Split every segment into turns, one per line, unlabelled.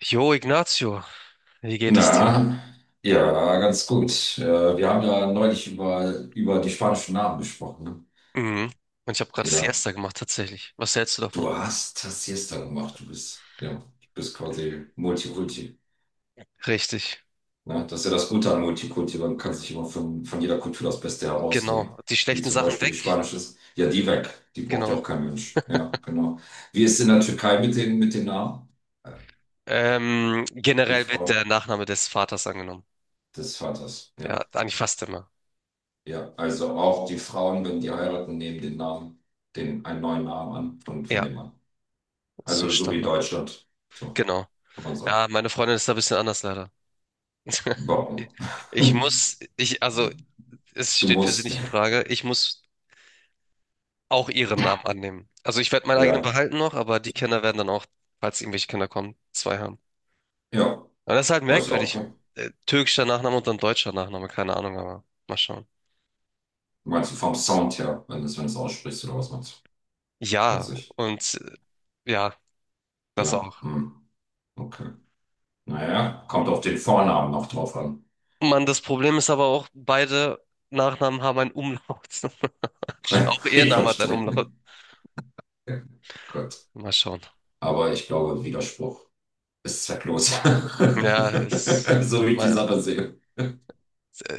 Jo, Ignacio, wie geht es dir?
Na, ja, ganz gut. Wir haben ja neulich über die spanischen Namen gesprochen. Ne?
Mhm. Und ich habe gerade
Ja,
Siesta gemacht, tatsächlich. Was hältst du davon?
du hast das Siesta gemacht. Du bist quasi Multikulti.
Richtig.
Ne? Das ist ja das Gute an Multikulti. Man kann sich immer von jeder Kultur das Beste
Genau.
herausnehmen.
Die
Wie
schlechten
zum
Sachen
Beispiel
weg.
die spanische ist. Ja, die weg. Die braucht ja
Genau.
auch kein Mensch. Ja, genau. Wie ist es in der Türkei mit den Namen? Äh, Die
Generell wird der
Frau
Nachname des Vaters angenommen.
des Vaters. Ja.
Ja, eigentlich fast immer.
Ja, also auch die Frauen, wenn die heiraten, nehmen den Namen, einen neuen Namen an von
Ja,
dem Mann.
ist so
Also so wie
Standard.
Deutschland. So,
Genau.
kann man sagen.
Ja, meine Freundin ist da ein bisschen anders leider.
Warum?
Also, es
Du
steht für sie
musst.
nicht in Frage. Ich muss auch ihren Namen annehmen. Also, ich werde meinen eigenen
Ja,
behalten noch, aber die Kinder werden dann auch, falls irgendwelche Kinder kommen, zwei haben.
ja.
Aber das ist halt
Ist auch
merkwürdig.
okay.
Türkischer Nachname und dann deutscher Nachname, keine Ahnung, aber mal schauen.
Meinst du vom Sound her, wenn du es aussprichst oder was meinst du?
Ja,
Witzig.
und ja, das
Ja,
auch.
hm, okay. Naja, kommt auf den Vornamen noch drauf an.
Mann, das Problem ist aber auch, beide Nachnamen haben einen Umlaut. Auch ihr
Ich
Name hat einen
verstehe.
Umlaut.
Gut.
Mal schauen.
Aber ich glaube, Widerspruch ist zwecklos.
Ja, es,
So wie ich die
mal,
Sache sehe.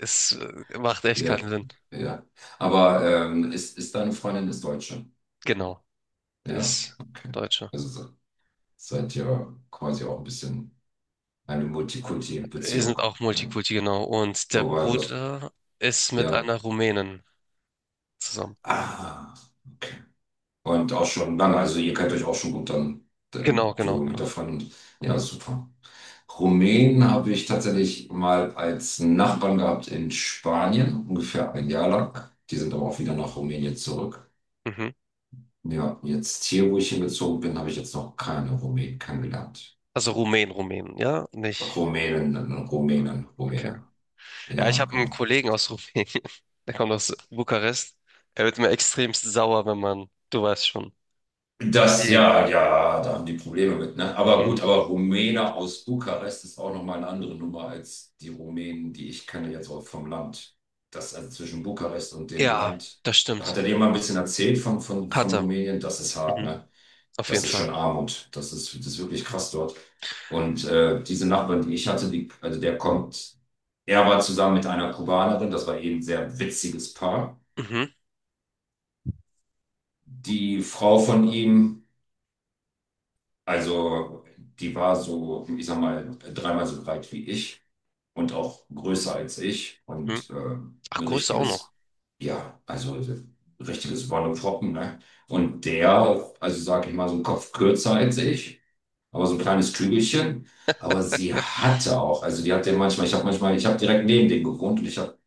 es macht echt
Ja,
keinen Sinn.
ja. Aber ist, ist deine Freundin ist Deutsche?
Genau,
Ja,
ist
okay.
Deutsche.
Also seid ihr quasi auch ein bisschen eine
Wir
Multikulti-Beziehung.
sind auch
Ne?
Multikulti, genau. Und der
Wobei was,
Bruder ist mit
ja.
einer Rumänin zusammen.
Ah, okay. Und auch schon lange, also ihr kennt euch auch schon gut dann,
Genau,
so
genau,
mit
genau.
der Freundin. Ja, super. Rumänen habe ich tatsächlich mal als Nachbarn gehabt in Spanien, ungefähr ein Jahr lang. Die sind aber auch wieder nach Rumänien zurück.
Mhm.
Ja, jetzt hier, wo ich hingezogen bin, habe ich jetzt noch keine Rumänen kennengelernt.
Also Rumänen, Rumänen, ja, nicht.
Rumänen, Rumänen,
Okay.
Rumänen.
Ja, ich
Ja,
habe einen
genau.
Kollegen aus Rumänien. Der kommt aus Bukarest. Er wird mir extremst sauer, wenn man, du weißt schon. Die,
Ja, ja, da haben die Probleme mit, ne? Aber
mhm.
gut, aber Rumäne aus Bukarest ist auch nochmal eine andere Nummer als die Rumänen, die ich kenne jetzt auch vom Land. Das, also zwischen Bukarest und dem
Ja,
Land.
das
Hat
stimmt.
er dir mal ein bisschen erzählt von
Hatte.
Rumänien? Das ist hart,
Mhm.
ne?
Auf
Das
jeden
ist
Fall.
schon Armut. Das ist wirklich krass dort. Und diese Nachbarin, die ich hatte, also der kommt, er war zusammen mit einer Kubanerin, das war eben ein sehr witziges Paar.
Mhm.
Die Frau von ihm, also die war so, ich sag mal, dreimal so breit wie ich und auch größer als ich
Mhm.
und ein
Ach, Größe auch noch.
richtiges, ja, also ein richtiges Wonneproppen, ne? Und der, also sag ich mal, so einen Kopf kürzer als ich, aber so ein kleines Kügelchen. Aber sie hatte auch, also die hat den manchmal, ich habe direkt neben den gewohnt und ich habe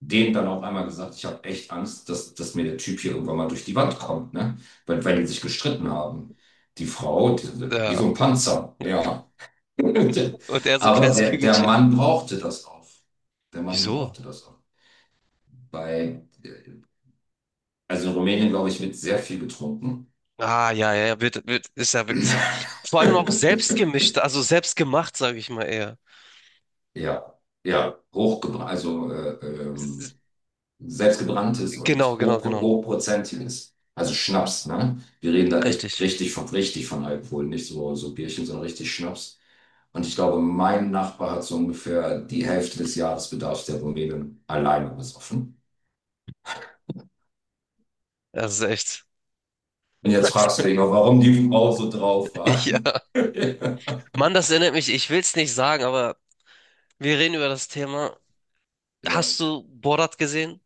dem dann auch einmal gesagt, ich habe echt Angst, dass mir der Typ hier irgendwann mal durch die Wand kommt, ne? Weil die sich gestritten haben. Die Frau, die, wie
Ja.
so ein Panzer, ja.
Und er so ein
Aber
kleines
der
Kügelchen.
Mann brauchte das auch. Der Mann
Wieso?
brauchte das auch. Bei, also in Rumänien, glaube ich, wird sehr viel getrunken.
Ah, ja, ja, ja, ist ja wirklich so. Vor allem auch selbst gemischt, also selbst gemacht, sage ich mal eher.
Ja, ja, hochgebracht, also
S-
selbstgebranntes und
Genau, genau, genau.
hochprozentiges. Also Schnaps, ne? Wir reden da
Richtig.
echt richtig von Alkohol, nicht so Bierchen, sondern richtig Schnaps. Und ich glaube, mein Nachbar hat so ungefähr die Hälfte des Jahresbedarfs der Rumänen alleine besoffen.
Das ist echt.
Und jetzt fragst du dich noch, warum die Frau so drauf war.
Ja. Mann, das erinnert mich, ich will es nicht sagen, aber wir reden über das Thema.
Ja,
Hast du Borat gesehen?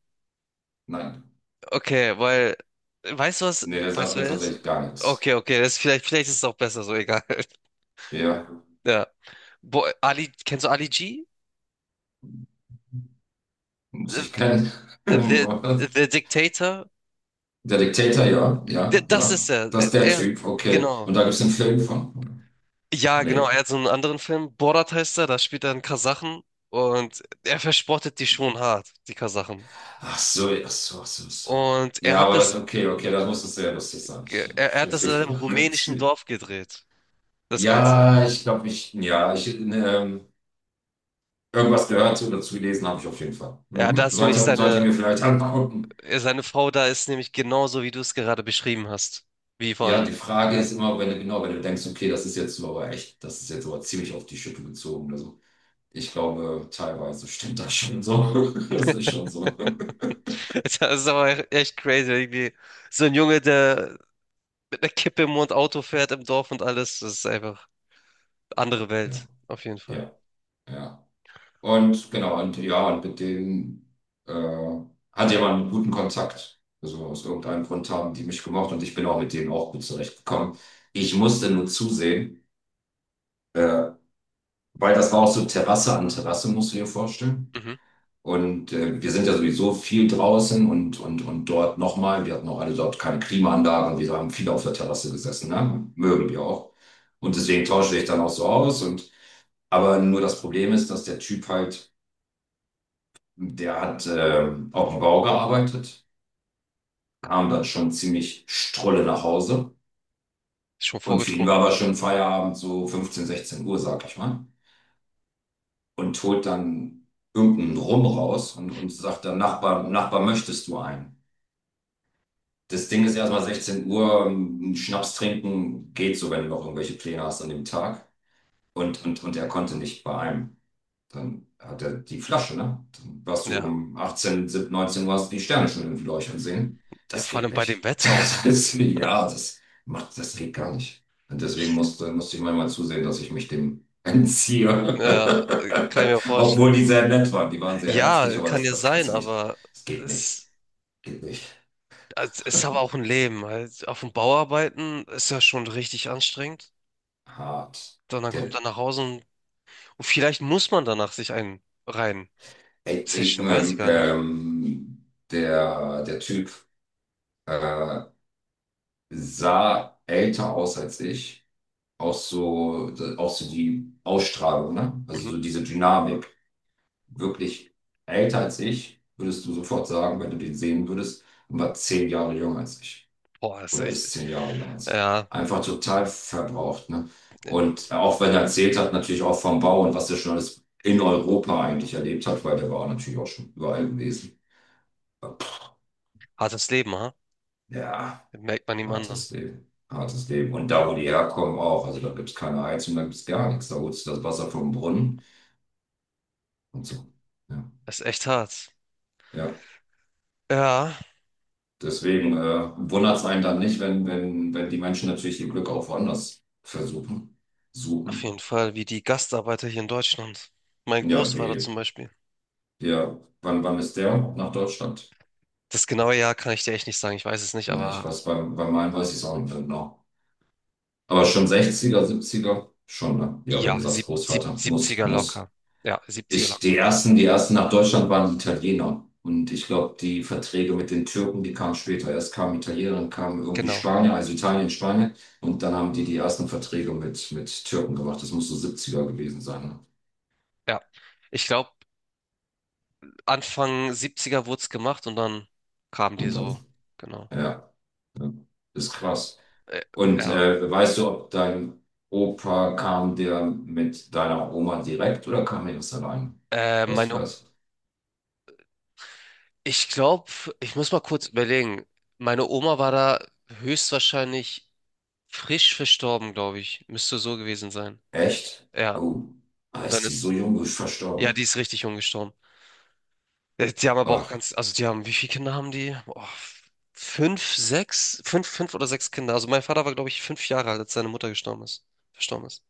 nein.
Okay, weil, weißt du was?
Nee, der
Weißt
sagt
du
mir
wer das ist?
tatsächlich gar nichts.
Okay, okay, das ist vielleicht, vielleicht ist es auch besser, so egal.
Ja,
Ja. Bo Ali, kennst du Ali G?
muss
The,
ich kennen.
the,
Was?
the Dictator?
Der Diktator, ja, ja,
Das ist
ja.
er.
Das ist der
Er,
Typ, okay.
genau.
Und da gibt es einen Film von.
Ja, genau,
Nee.
er hat so einen anderen Film. Borat heißt er, da spielt er einen Kasachen und er verspottet die schon hart, die Kasachen.
Ach so, ach so, ach so, ach so.
Und er
Ja,
hat
aber das,
das,
okay, okay, das muss es sehr lustig sein.
er,
Ich
er hat
stelle
das
mir
in einem
vor. Gott.
rumänischen Dorf gedreht, das Ganze.
Ja, ich glaube, irgendwas gehört oder dazu gelesen habe ich auf jeden Fall.
Ja, da
Mhm.
ist nämlich
Sollte ich
seine,
mir vielleicht angucken.
ja, seine Frau da ist nämlich genauso, wie du es gerade beschrieben hast. Wie
Ja,
von.
die Frage ist immer, wenn du, genau, wenn du denkst, okay, das ist jetzt so aber echt, das ist jetzt aber ziemlich auf die Schippe gezogen oder so. Ich glaube, teilweise stimmt das schon so. Das ist schon so.
Das ist aber echt crazy. Irgendwie so ein Junge, der mit einer Kippe im Mund Auto fährt im Dorf und alles. Das ist einfach andere Welt,
Ja,
auf jeden Fall.
ja, ja. Und genau, und ja, und mit denen äh, hatte ich aber einen guten Kontakt. Also aus irgendeinem Grund haben die mich gemocht und ich bin auch mit denen auch gut zurechtgekommen. Ich musste nur zusehen, äh, weil das war auch so Terrasse an Terrasse, musst du dir vorstellen.
Mhm.
Und wir sind ja sowieso viel draußen und, dort nochmal, wir hatten auch alle dort keine Klimaanlage, wir haben viele auf der Terrasse gesessen, ne? Mögen wir auch. Und deswegen tausche ich dann auch so aus, und aber nur das Problem ist, dass der Typ halt, der hat, auf dem Bau gearbeitet, kam dann schon ziemlich strolle nach Hause.
Ist schon
Und für ihn
vorgetrunken.
war aber schon Feierabend, so 15, 16 Uhr, sag ich mal. Und holt dann irgendeinen Rum raus und sagt dann, Nachbar, Nachbar, möchtest du einen? Das Ding ist, erstmal 16 Uhr, Schnaps trinken geht so, wenn du noch irgendwelche Pläne hast an dem Tag. Und, er konnte nicht bei einem. Dann hat er die Flasche, ne? Dann warst du
Ja.
um 18, 17, 19 Uhr, hast du die Sterne schon irgendwie leuchten sehen.
Ja,
Das
vor
geht
allem bei
nicht.
dem Wetter auch noch.
Das ist, ja, das macht, das geht gar nicht. Und deswegen
Ich,
musste ich manchmal zusehen, dass ich mich dem entziehe.
ja, kann ich mir vorstellen.
Obwohl die sehr nett waren. Die waren sehr herzlich,
Ja,
aber
kann
das,
ja
das kannst
sein,
du nicht.
aber
Das geht nicht.
es.
Geht nicht.
Also, es ist aber auch ein Leben halt. Auf dem Bau arbeiten ist ja schon richtig anstrengend.
Hart.
Dann kommt
Der,
er nach Hause und vielleicht muss man danach sich einen rein
Ey, ey,
zischen, weiß ich gar nicht.
der Typ äh, sah älter aus als ich, auch so, auch so die Ausstrahlung, ne? Also
Mhm.
so diese Dynamik. Wirklich älter als ich, würdest du sofort sagen, wenn du den sehen würdest, und war 10 Jahre jünger als ich.
Boah, ist
Oder
echt,
ist 10 Jahre jünger als ich.
ja,
Einfach total verbraucht, ne? Und auch wenn er erzählt hat, natürlich auch vom Bau und was er schon alles in Europa eigentlich erlebt hat, weil der war natürlich auch schon überall gewesen. Aber,
hartes Leben, ha?
ja,
Merkt man ihm anderen.
hartes Leben. Hartes Leben. Und da, wo die herkommen, auch. Also da gibt es keine Heizung, da gibt es gar nichts. Da holst du das Wasser vom Brunnen. Und so. Ja,
Ist echt hart.
ja.
Ja,
Deswegen wundert es einen dann nicht, wenn, die Menschen natürlich ihr Glück auch woanders versuchen,
auf jeden
suchen.
Fall, wie die Gastarbeiter hier in Deutschland. Mein
Ja,
Großvater
wie,
zum Beispiel.
ja, wann ist der nach Deutschland?
Das genaue Jahr kann ich dir echt nicht sagen, ich weiß es nicht,
Nee, ich
aber
weiß, bei meinem weiß ich es auch nicht mehr genau. Aber schon 60er 70er schon, ne? Ja, wenn du
ja,
sagst, Großvater,
70
muss.
locker. Ja, 70
Die
locker.
ersten, die ersten nach Deutschland waren die Italiener. Und ich glaube, die Verträge mit den Türken, die kamen später. Erst kamen Italiener, dann kamen irgendwie
Genau.
Spanier, also Italien, Spanien. Und dann haben die die ersten Verträge mit Türken gemacht. Das muss so 70er gewesen sein. Ne?
Ja. Ich glaube, Anfang 70er wurde es gemacht und dann kamen die
Und dann,
so, genau.
ja, ja, ist krass.
Äh,
Und
ja.
weißt du, ob dein Opa kam, der mit deiner Oma direkt oder kam er erst allein?
Äh,
Weißt du
meine,
das?
Ich glaube, ich muss mal kurz überlegen. Meine Oma war da höchstwahrscheinlich frisch verstorben, glaube ich. Müsste so gewesen sein.
Echt?
Ja.
Oh, ah,
Und dann
ist die
ist,
so jung, ist
ja, die
verstorben.
ist richtig jung gestorben. Die haben aber auch
Ach,
ganz, also die haben, wie viele Kinder haben die? Boah, fünf, sechs, fünf, fünf oder sechs Kinder. Also mein Vater war, glaube ich, 5 Jahre alt, als seine Mutter gestorben ist, verstorben ist.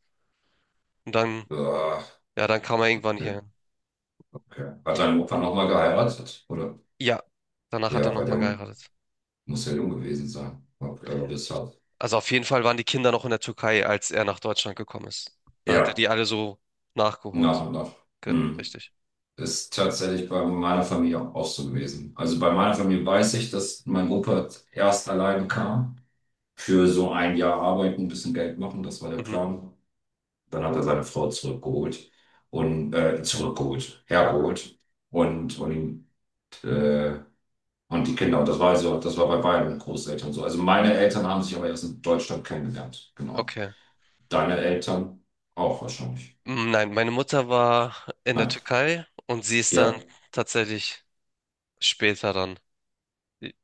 Und dann,
ah,
ja, dann kam er irgendwann
okay.
hierhin.
Okay. Hat dein Opa nochmal geheiratet, oder?
Ja, danach hat er
Ja, weil der
nochmal geheiratet.
muss ja jung gewesen sein. Ob er das hat.
Also auf jeden Fall waren die Kinder noch in der Türkei, als er nach Deutschland gekommen ist. Da hat er
Ja,
die alle so nachgeholt.
nach und nach. Hm.
Richtig.
Ist tatsächlich bei meiner Familie auch so gewesen. Also bei meiner Familie weiß ich, dass mein Opa erst alleine kam, für so ein Jahr arbeiten, ein bisschen Geld machen, das war der
Mhm.
Plan. Dann hat er seine Frau zurückgeholt und zurückgeholt, hergeholt und äh, und die Kinder, und das war also, das war bei beiden Großeltern so. Also meine Eltern haben sich aber erst in Deutschland kennengelernt, genau.
Okay.
Deine Eltern auch wahrscheinlich.
Nein, meine Mutter war in der
Nein.
Türkei und sie ist dann
Ja.
tatsächlich später dann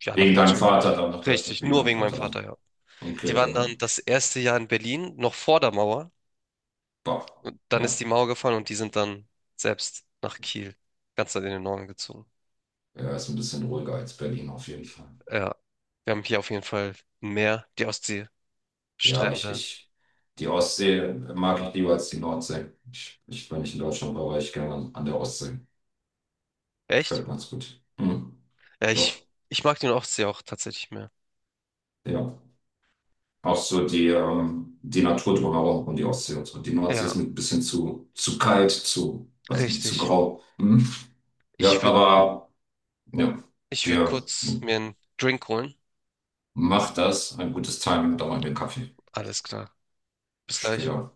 ja nach
Wegen deinem
Deutschland
Vater
gekommen.
dann nach Deutschland,
Richtig,
wegen
nur
deinem
wegen meinem
Vater dann.
Vater, ja. Die
Okay,
waren dann
dann,
das erste Jahr in Berlin, noch vor der Mauer.
boah.
Und dann ist
Ja.
die Mauer gefallen und die sind dann selbst nach Kiel, ganz in den Norden gezogen.
Er ist ein bisschen ruhiger als Berlin auf jeden Fall.
Ja, wir haben hier auf jeden Fall ein Meer, die Ostsee,
Ja,
Strände.
die Ostsee mag ich lieber als die Nordsee. Wenn ich in Deutschland war, war ich gerne an der Ostsee. Gefällt
Echt?
mir ganz gut. Hm,
Ja,
doch,
ich mag den Ostsee auch tatsächlich mehr.
ja. Auch so die Natur drumherum und die Ostsee und so. Die Nordsee
Ja,
ist mir ein bisschen zu kalt, zu, weiß nicht, zu
richtig.
grau. Hm.
Ich
Ja,
würde
aber ja,
ich würd
wir
kurz mir einen Drink holen.
macht das. Ein gutes Timing, da machen wir Kaffee
Alles klar. Bis gleich.
später.